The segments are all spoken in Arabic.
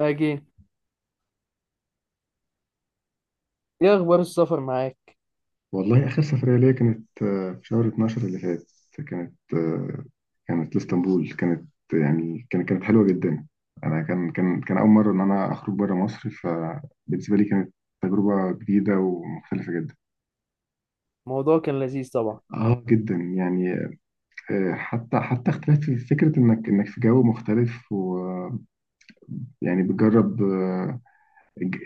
أجي، إيه أخبار السفر معاك؟ والله آخر سفرية ليا كانت في شهر 12 اللي فات. كانت آه، كانت لإسطنبول. كانت حلوة جدا. أنا كان أول مرة إن أنا أخرج بره مصر، فبالنسبة لي كانت تجربة جديدة ومختلفة جدا. الموضوع كان لذيذ طبعا. آه جدا يعني. حتى اختلاف في فكرة إنك في جو مختلف، ويعني بتجرب الج-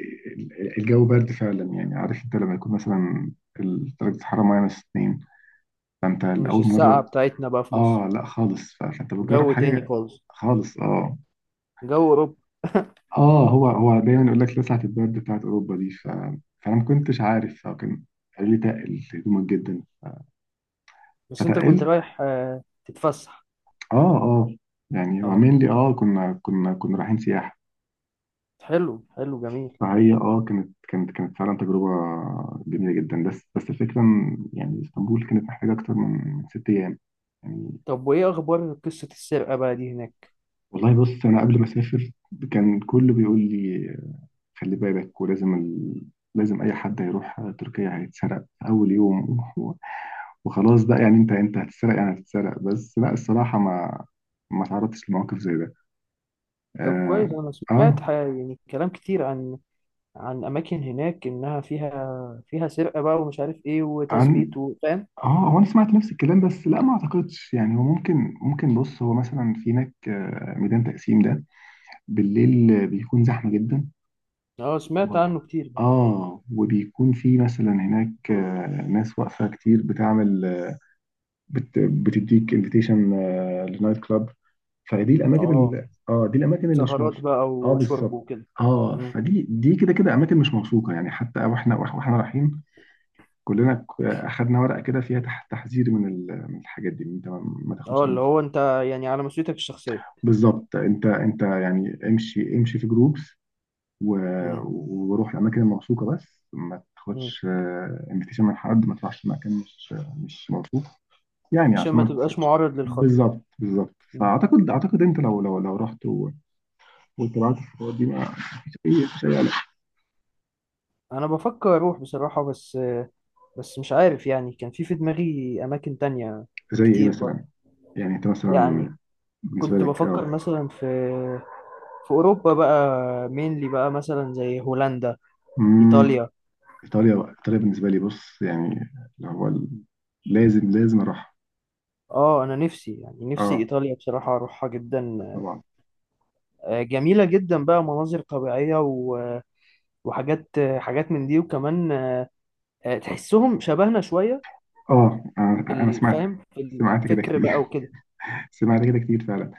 الجو برد فعلا. يعني عارف أنت لما يكون مثلا درجة الحرارة ماينس اتنين، فأنت مش لأول السقعة مرة. بتاعتنا بقى في مصر. اه، لا خالص. فانت بتجرب جو تاني حاجه. خالص. خالص، اه. جو أوروبا. هو دايما يقول لك لسعة البرد بتاعت اوروبا دي، فانا ما كنتش عارف. فكان قالوا لي تقل هدومك جدا، بس أنت كنت فتقلت. رايح تتفسح. اه اه. يعني هو أه، mainly اه كنا رايحين سياحه. حلو حلو جميل. فهي اه كانت فعلا تجربه جميله جدا. بس الفكره إن يعني اسطنبول كانت محتاجه اكتر من ست ايام يعني. طب وإيه أخبار قصة السرقة بقى دي هناك؟ والله بص، انا قبل ما اسافر كان كله بيقول لي خلي بالك. ولازم لازم اي حد هيروح تركيا هيتسرق في اول يوم. وخلاص بقى، يعني انت هتتسرق يعني هتتسرق. بس لا، الصراحه ما تعرضتش لمواقف زي ده. طب اه كويس، أنا اه. سمعت يعني كلام كتير عن أماكن هناك إنها فيها سرقة بقى ومش عارف إيه عن، وتثبيت وفاهم. اه هو انا سمعت نفس الكلام، بس لا ما اعتقدش. يعني هو ممكن بص، هو مثلا في هناك ميدان تقسيم ده بالليل بيكون زحمه جدا. أه، سمعت و... عنه كتير ده. اه، وبيكون في مثلا هناك ناس واقفه كتير بتعمل، بتديك انفيتيشن لنايت كلاب. فدي الاماكن أه، اللي اه، دي الاماكن اللي مش سهرات موثوقه. بقى اه وشرب بالظبط. وكده. اه، فدي، دي كده كده اماكن مش موثوقه. يعني حتى واحنا رايحين كلنا، اخدنا ورقه كده فيها تحذير من من الحاجات دي إن انت ما اه، تاخدش اللي هو انت يعني على مسؤوليتك الشخصية. بالظبط. انت يعني امشي في جروبس. و... مم. وروح الاماكن الموثوقه. بس ما مم. تاخدش انفيتيشن من حد، ما تروحش مكان مش موثوق، يعني عشان عشان ما ما تبقاش تسرقش. معرض للخطر. بالظبط بالظبط. مم. فاعتقد، اعتقد انت لو رحت واتبعت الخطوات دي، ما، مفيش اي قلق. انا بفكر اروح بصراحة، بس مش عارف. يعني كان في دماغي اماكن تانية زي ايه كتير برضه. مثلا؟ يعني انت يعني مثلا بالنسبه كنت لك، بفكر اه. مثلا في في اوروبا بقى، مينلي بقى مثلا زي هولندا، امم. ايطاليا. ايطاليا بالنسبه لي، بص، يعني اللي هو ال- لازم اروح. اه، انا نفسي، يعني نفسي اه، ايطاليا بصراحة اروحها جدا. لا طبعا. جميلة جدا بقى، مناظر طبيعية وحاجات من دي. وكمان تحسهم شبهنا شوية اه في انا، أنا سمعت. الفهم، في سمعت كده الفكر كتير. بقى وكده. سمعت كده كتير فعلا.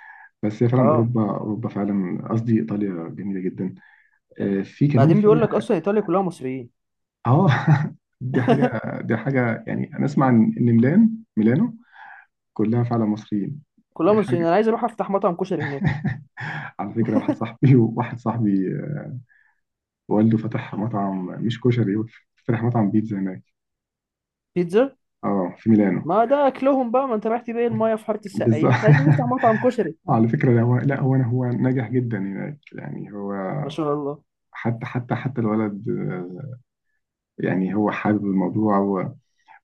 بس هي فعلا اه، اوروبا، اوروبا فعلا قصدي ايطاليا جميله جدا. في كمان بعدين في. بيقول لك اصلا ايطاليا كلها مصريين. اه. دي حاجة. دي حاجة، يعني أنا أسمع إن ميلان ميلانو كلها فعلا مصريين. كلها دي مصريين، حاجة. انا عايز اروح افتح مطعم كشري هناك. على فكرة، واحد صاحبي، والده فتح مطعم، مش كشري، فتح مطعم بيتزا هناك. بيتزا؟ اه، في ميلانو. ما ده اكلهم بقى، ما انت رحت بيه المايه في حاره بالظبط. السقايين، احنا عايزين نفتح مطعم كشري. على فكرة، لا هو لا هو أنا- هو ناجح جدا هناك، يعني هو ما شاء الله. حتى الولد يعني هو حابب الموضوع. و-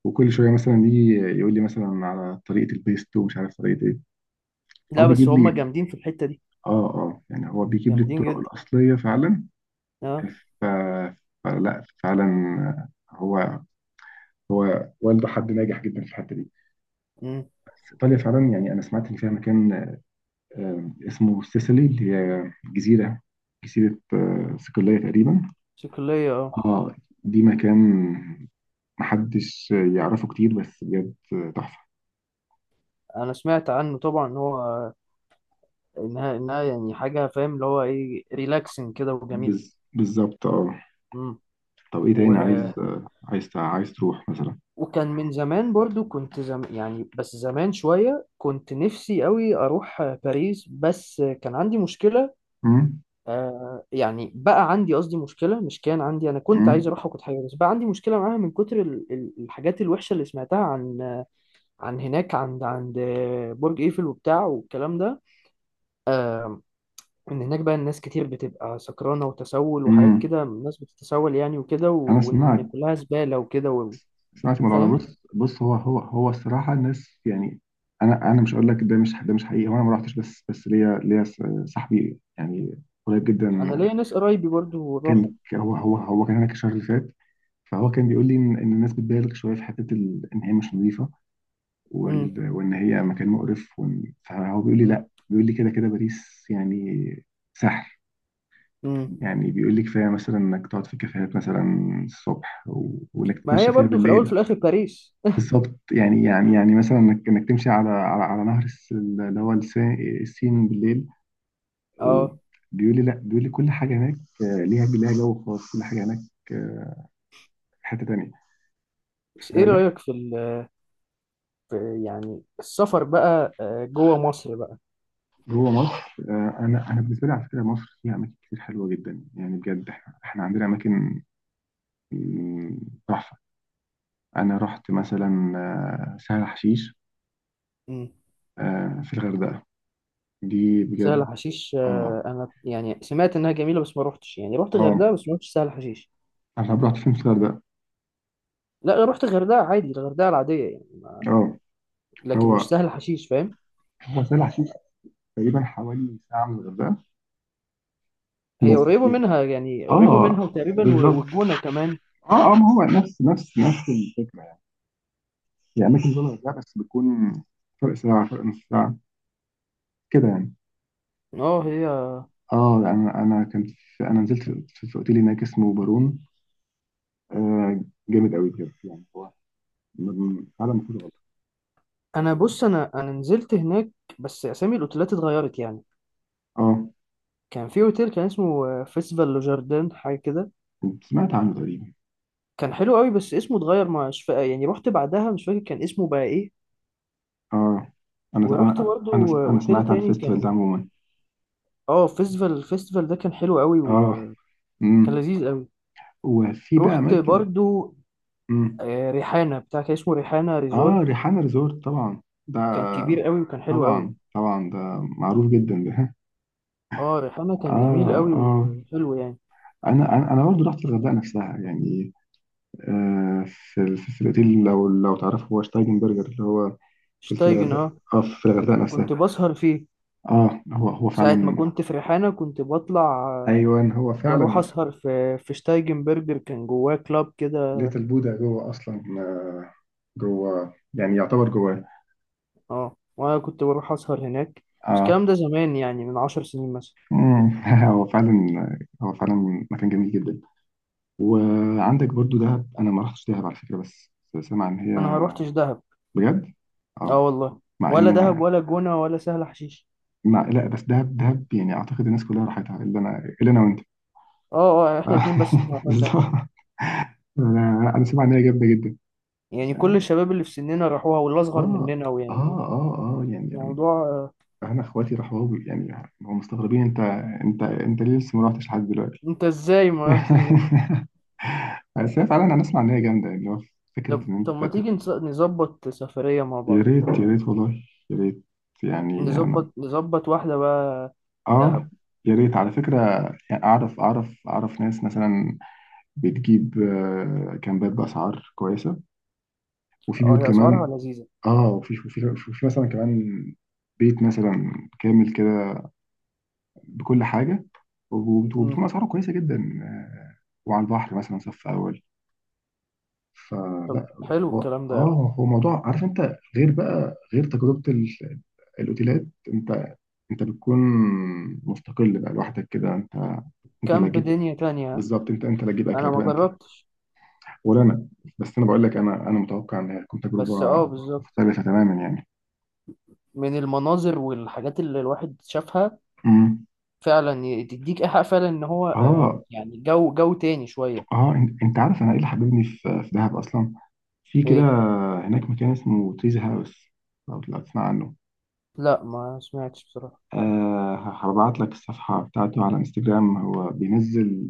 وكل شوية مثلا يجي يقول لي مثلا على طريقة البيستو، ومش عارف طريقة ايه. هو لا بس بيجيب هم لي، جامدين في الحته دي. اه اه، يعني هو بيجيب لي جامدين الطرق جدا. الأصلية فعلا. اه. ف... فلا فعلا، هو هو والده حد ناجح جدا في الحتة دي. امم. بس إيطاليا فعلا، يعني أنا سمعت إن فيها مكان اسمه سيسيلي، اللي هي جزيرة صقلية تقريبا. صقليه، اه. اه. دي مكان محدش يعرفه كتير، بس بجد تحفة. انا سمعت عنه طبعا، ان هو انها انها يعني حاجه، فاهم اللي هو ايه، ريلاكسنج كده وجميله. بالظبط، اه. امم. طب ايه و تاني عايز عايز تروح مثلا؟ وكان من زمان برضو كنت يعني بس زمان شوية كنت نفسي قوي أروح باريس. بس كان عندي مشكلة. امم. يعني بقى عندي، قصدي مشكلة، مش كان عندي. أنا كنت عايز امم. أروح وكنت حاجة، بس بقى عندي مشكلة معاها من كتر الحاجات الوحشة اللي سمعتها عن عن هناك، عند برج إيفل وبتاع والكلام ده. آه إن هناك بقى الناس كتير بتبقى سكرانة وتسول وحاجات امم. كده، الناس بتتسول يعني وكده، انا وإن سمعت، كلها زبالة وكده مش معاك في الموضوع ده. فاهم. بص بص، هو الصراحه، الناس يعني، انا مش هقول لك ده مش، ده مش حقيقي. هو انا ما رحتش، بس بس ليا، صاحبي يعني قريب جدا. أنا ليا ناس قرايبي برضو راحوا. كان هو كان هناك الشهر اللي فات. فهو كان بيقول لي ان، إن الناس بتبالغ شويه في حته ان هي مش نظيفه. امم. وان هي مكان مقرف. فهو بيقول لي امم. لا، بيقول لي كده كده باريس يعني سحر. امم. يعني بيقول لي كفايه مثلا انك تقعد في كافيهات مثلا الصبح، وانك ما تتمشى هي فيها برضو في الاول في بالليل. الاخر باريس. بالظبط، يعني مثلا انك تمشي على نهر السين بالليل. وبيقول اه، لي لا، بيقول لي كل حاجه هناك ليها جو خاص. كل حاجه هناك آه، في حته تانيه. بس ايه فلا. رايك في يعني السفر بقى جوه مصر بقى. جوه مصر انا بالنسبه لي على فكره، مصر فيها اماكن كتير حلوه جدا، يعني بجد احنا عندنا اماكن مم، تحفه. انا رحت مثلا سهل حشيش امم. في الغردقه. دي سهل بجد، حشيش اه انا يعني سمعت انها جميله، بس ما روحتش. يعني روحت غردقه اه. بس ما روحتش سهل حشيش. انا رحت فين في الغردقه؟ لا، روحت غردقه عادي، الغردقه العاديه يعني، اه. لكن هو مش سهل حشيش، فاهم. هو سهل حشيش تقريبا حوالي ساعة من الغردقة، هي بس قريبه فيها. منها يعني، قريبه اه منها وتقريبا بالظبط. والجونه كمان. اه اه، ما هو نفس الفكرة. يعني هي أماكن زي الغردقة، بس بتكون فرق ساعة، فرق نص ساعة كده يعني. اه، هي. اه، أنا كنت في، أنا نزلت في، في أوتيل هناك اسمه بارون. آه، جامد قوي بجد. يعني هو، فعلا ما فيهوش غلط. انا بص، انا نزلت هناك، بس اسامي الاوتيلات اتغيرت يعني. اه، كان في اوتيل كان اسمه فيستيفال لو جاردن حاجه كده. كنت سمعت عنه تقريبا. كان حلو قوي بس اسمه اتغير، مش يعني رحت بعدها مش فاكر كان اسمه بقى ايه. اه، أنا ورحت أنا برضو أنا أنا اوتيل سمعت عن تاني الفيستيفال ده كان. عموما. اه، الفيستيفال ده كان حلو قوي اه. وكان امم. لذيذ قوي. وفي بقى رحت أماكن. برضو امم. ريحانه بتاع، كان اسمه ريحانه اه، ريزورت، ريحانة ريزورت طبعا ده. كان كبير قوي وكان حلو قوي. طبعا طبعا ده معروف جدا ده. اه، ريحانه كان جميل اه قوي اه. وحلو يعني. انا انا، برضه رحت الغردقه نفسها يعني في في الاوتيل، لو لو تعرفه، هو شتايجن برجر، اللي هو في، في شتايجن، الغردقه. اه، اه، في الغردقه نفسها. كنت بسهر فيه اه، هو ساعة ما فعلا. كنت في ريحانة. كنت بطلع ايوه هو بروح فعلا. أسهر في شتايجن برجر، كان جواه كلاب كده. ليتل بودا جوه اصلا، جوه، يعني يعتبر جواه. اه، وانا كنت بروح اسهر هناك، بس اه. الكلام ده زمان يعني، من 10 سنين مثلا. مم. هو فعلا، هو فعلا مكان جميل جدا. وعندك برضو دهب، انا ما رحتش دهب على فكره. بس سامع ان هي، انا ما روحتش دهب. بجد. اه اه. والله. مع ان ولا دهب انا، ولا جونة ولا سهل حشيش. مع، لا بس دهب، دهب يعني اعتقد الناس كلها راحتها الا انا، الا انا وانت. اه، اه، احنا اتنين بس ما رحناش دهب. بالظبط. انا سامع ان هي جامده جدا. يعني كل اه الشباب اللي في سننا راحوها واللي اصغر اه مننا ويعني اه اه. يعني انا، الموضوع. أنا اخواتي راحوا، يعني هم مستغربين، انت انت ليه لسه ما رحتش لحد دلوقتي. انت ازاي ما رحتش ده؟ بس هي فعلا، انا اسمع ان هي جامده. اللي هو فكره طب ان طب ما تيجي نظبط سفرية مع يا بعض. ريت. يا ريت والله يا ريت. يعني انا، نظبط واحدة بقى، اه. دهب. يا ريت على فكره. يعني اعرف ناس مثلا بتجيب كامبات بأسعار كويسة، وفي اه، بيوت هي أسعارها كمان. لذيذة. اه، وفي وفي مثلا كمان بيت مثلا كامل كده، بكل حاجة. مم. وبتكون أسعاره كويسة جدا آه، وعلى البحر مثلا صف أول. طب فلا يعني، حلو هو الكلام ده أوي. اه، هو موضوع، عارف انت، غير بقى غير تجربة الأوتيلات. انت، بتكون مستقل بقى لوحدك كده. انت، اللي كامب، هتجيب. دنيا تانية ها؟ بالظبط. انت اللي هتجيب أنا اكلك ما بقى انت. جربتش. ولا انا. بس انا بقول لك، انا متوقع ان هي تكون تجربه بس اه، بالظبط. مختلفه تماما يعني. من المناظر والحاجات اللي الواحد شافها امم. فعلا، تديك إيحاء فعلا إن هو اه يعني جو تاني شوية. اه، انت عارف انا ايه اللي حببني في، في دهب اصلا؟ في كده إيه؟ هناك مكان اسمه تريز هاوس، لو لو تسمع عنه. لا ما سمعتش بصراحة. آه، هبعت لك الصفحه بتاعته على انستجرام. هو بينزل،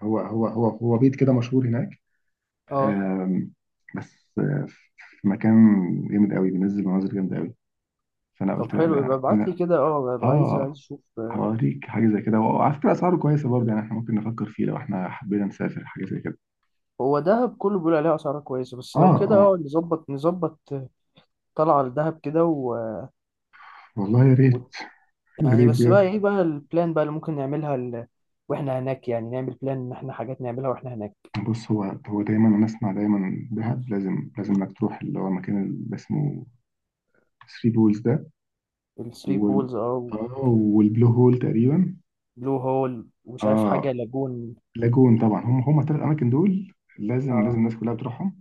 هو بيت كده مشهور هناك. أه، آم، بس آه، في مكان جامد قوي، بينزل مناظر جامده قوي. فانا طب قلت لا، حلو، يبقى لا ابعت لي انا، كده. أه، ببقى عايز اه، أشوف. هوريك حاجة زي كده. وعلى فكرة أسعاره كويسة برضه يعني، إحنا ممكن نفكر فيه لو إحنا حبينا نسافر حاجة زي كده. هو دهب كله بيقول عليه أسعاره كويسة، بس آه لو كده آه، أه نظبط طلعة لدهب كده والله يا و... ريت. يا يعني، ريت بس بقى بجد. إيه بقى البلان بقى اللي ممكن نعملها وإحنا هناك. يعني نعمل بلان إن إحنا حاجات نعملها وإحنا هناك. بص هو، هو دايما أنا أسمع دايما، دهب لازم إنك تروح اللي هو المكان اللي اسمه ثري بولز ده. الثري وال بولز، أه. والبلو هول تقريبا. بلو هول ومش عارف حاجة، آه. لاجون. لاجون طبعا، هم هم الثلاث أماكن دول لازم، لازم اه، الناس كلها بتروحهم.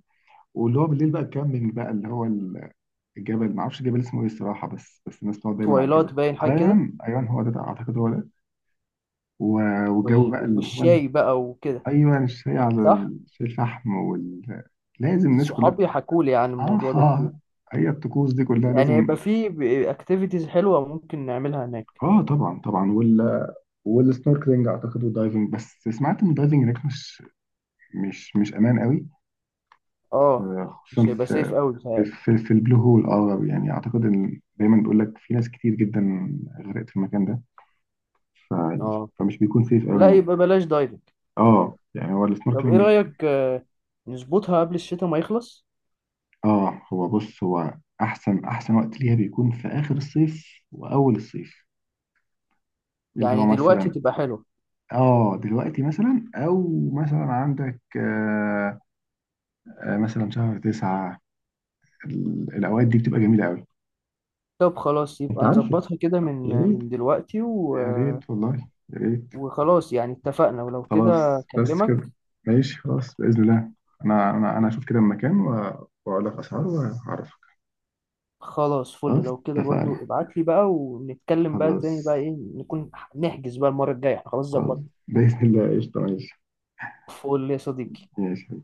واللي هو بالليل بقى تكمل بقى اللي هو الجبل. معرفش الجبل اسمه ايه الصراحة، بس بس الناس بتقعد دايما على الجبل. تويلات، باين حاجة كده. ايوه ايوه، هو ده اعتقد هو. و- والجو بقى اللي هو، والشاي بقى وكده. ايوه الشاي على صح. شاي الفحم لازم الناس كلها. صحابي حكوا لي عن اه الموضوع ده كتير. هي الطقوس دي كلها يعني يبقى لازم. في اكتيفيتيز حلوة ممكن نعملها هناك. اه طبعا طبعا. والسنوركلينج اعتقد والدايفنج. بس سمعت ان الدايفنج هناك مش امان قوي، اه، خصوصا مش هيبقى سيف في، قوي بتهيألي. في البلو هول. اه، يعني اعتقد ان دايما بيقول لك في ناس كتير جدا غرقت في المكان ده. ف... اه فمش بيكون سيف قوي لا، انك. يبقى بلاش دايفنج. اه، يعني هو طب ايه السنوركلينج. رأيك، نظبطها قبل الشتاء ما يخلص؟ اه هو بص، هو احسن وقت ليها بيكون في اخر الصيف واول الصيف، اللي هو يعني دلوقتي مثلا تبقى حلوة. اه دلوقتي. مثلا او مثلا عندك، آه مثلا شهر تسعة. الاوقات دي بتبقى جميلة قوي. طب خلاص، انت يبقى عارف، نظبطها كده من يا ريت. من دلوقتي و... يا آه، ريت والله يا ريت وخلاص يعني اتفقنا ولو كده. خلاص، بس اكلمك. كده. ماشي، خلاص بإذن الله. انا اشوف كده المكان واقول لك اسعاره وهعرفك. خلاص، فل خلاص، لو كده اتفقنا. برضو ابعت لي بقى، ونتكلم بقى تاني خلاص. بقى ايه نكون. نحجز بقى المرة الجاية، احنا خلاص خلاص ظبطنا. بإذن الله، قشطة. ماشي. فل يا صديقي. ماشي.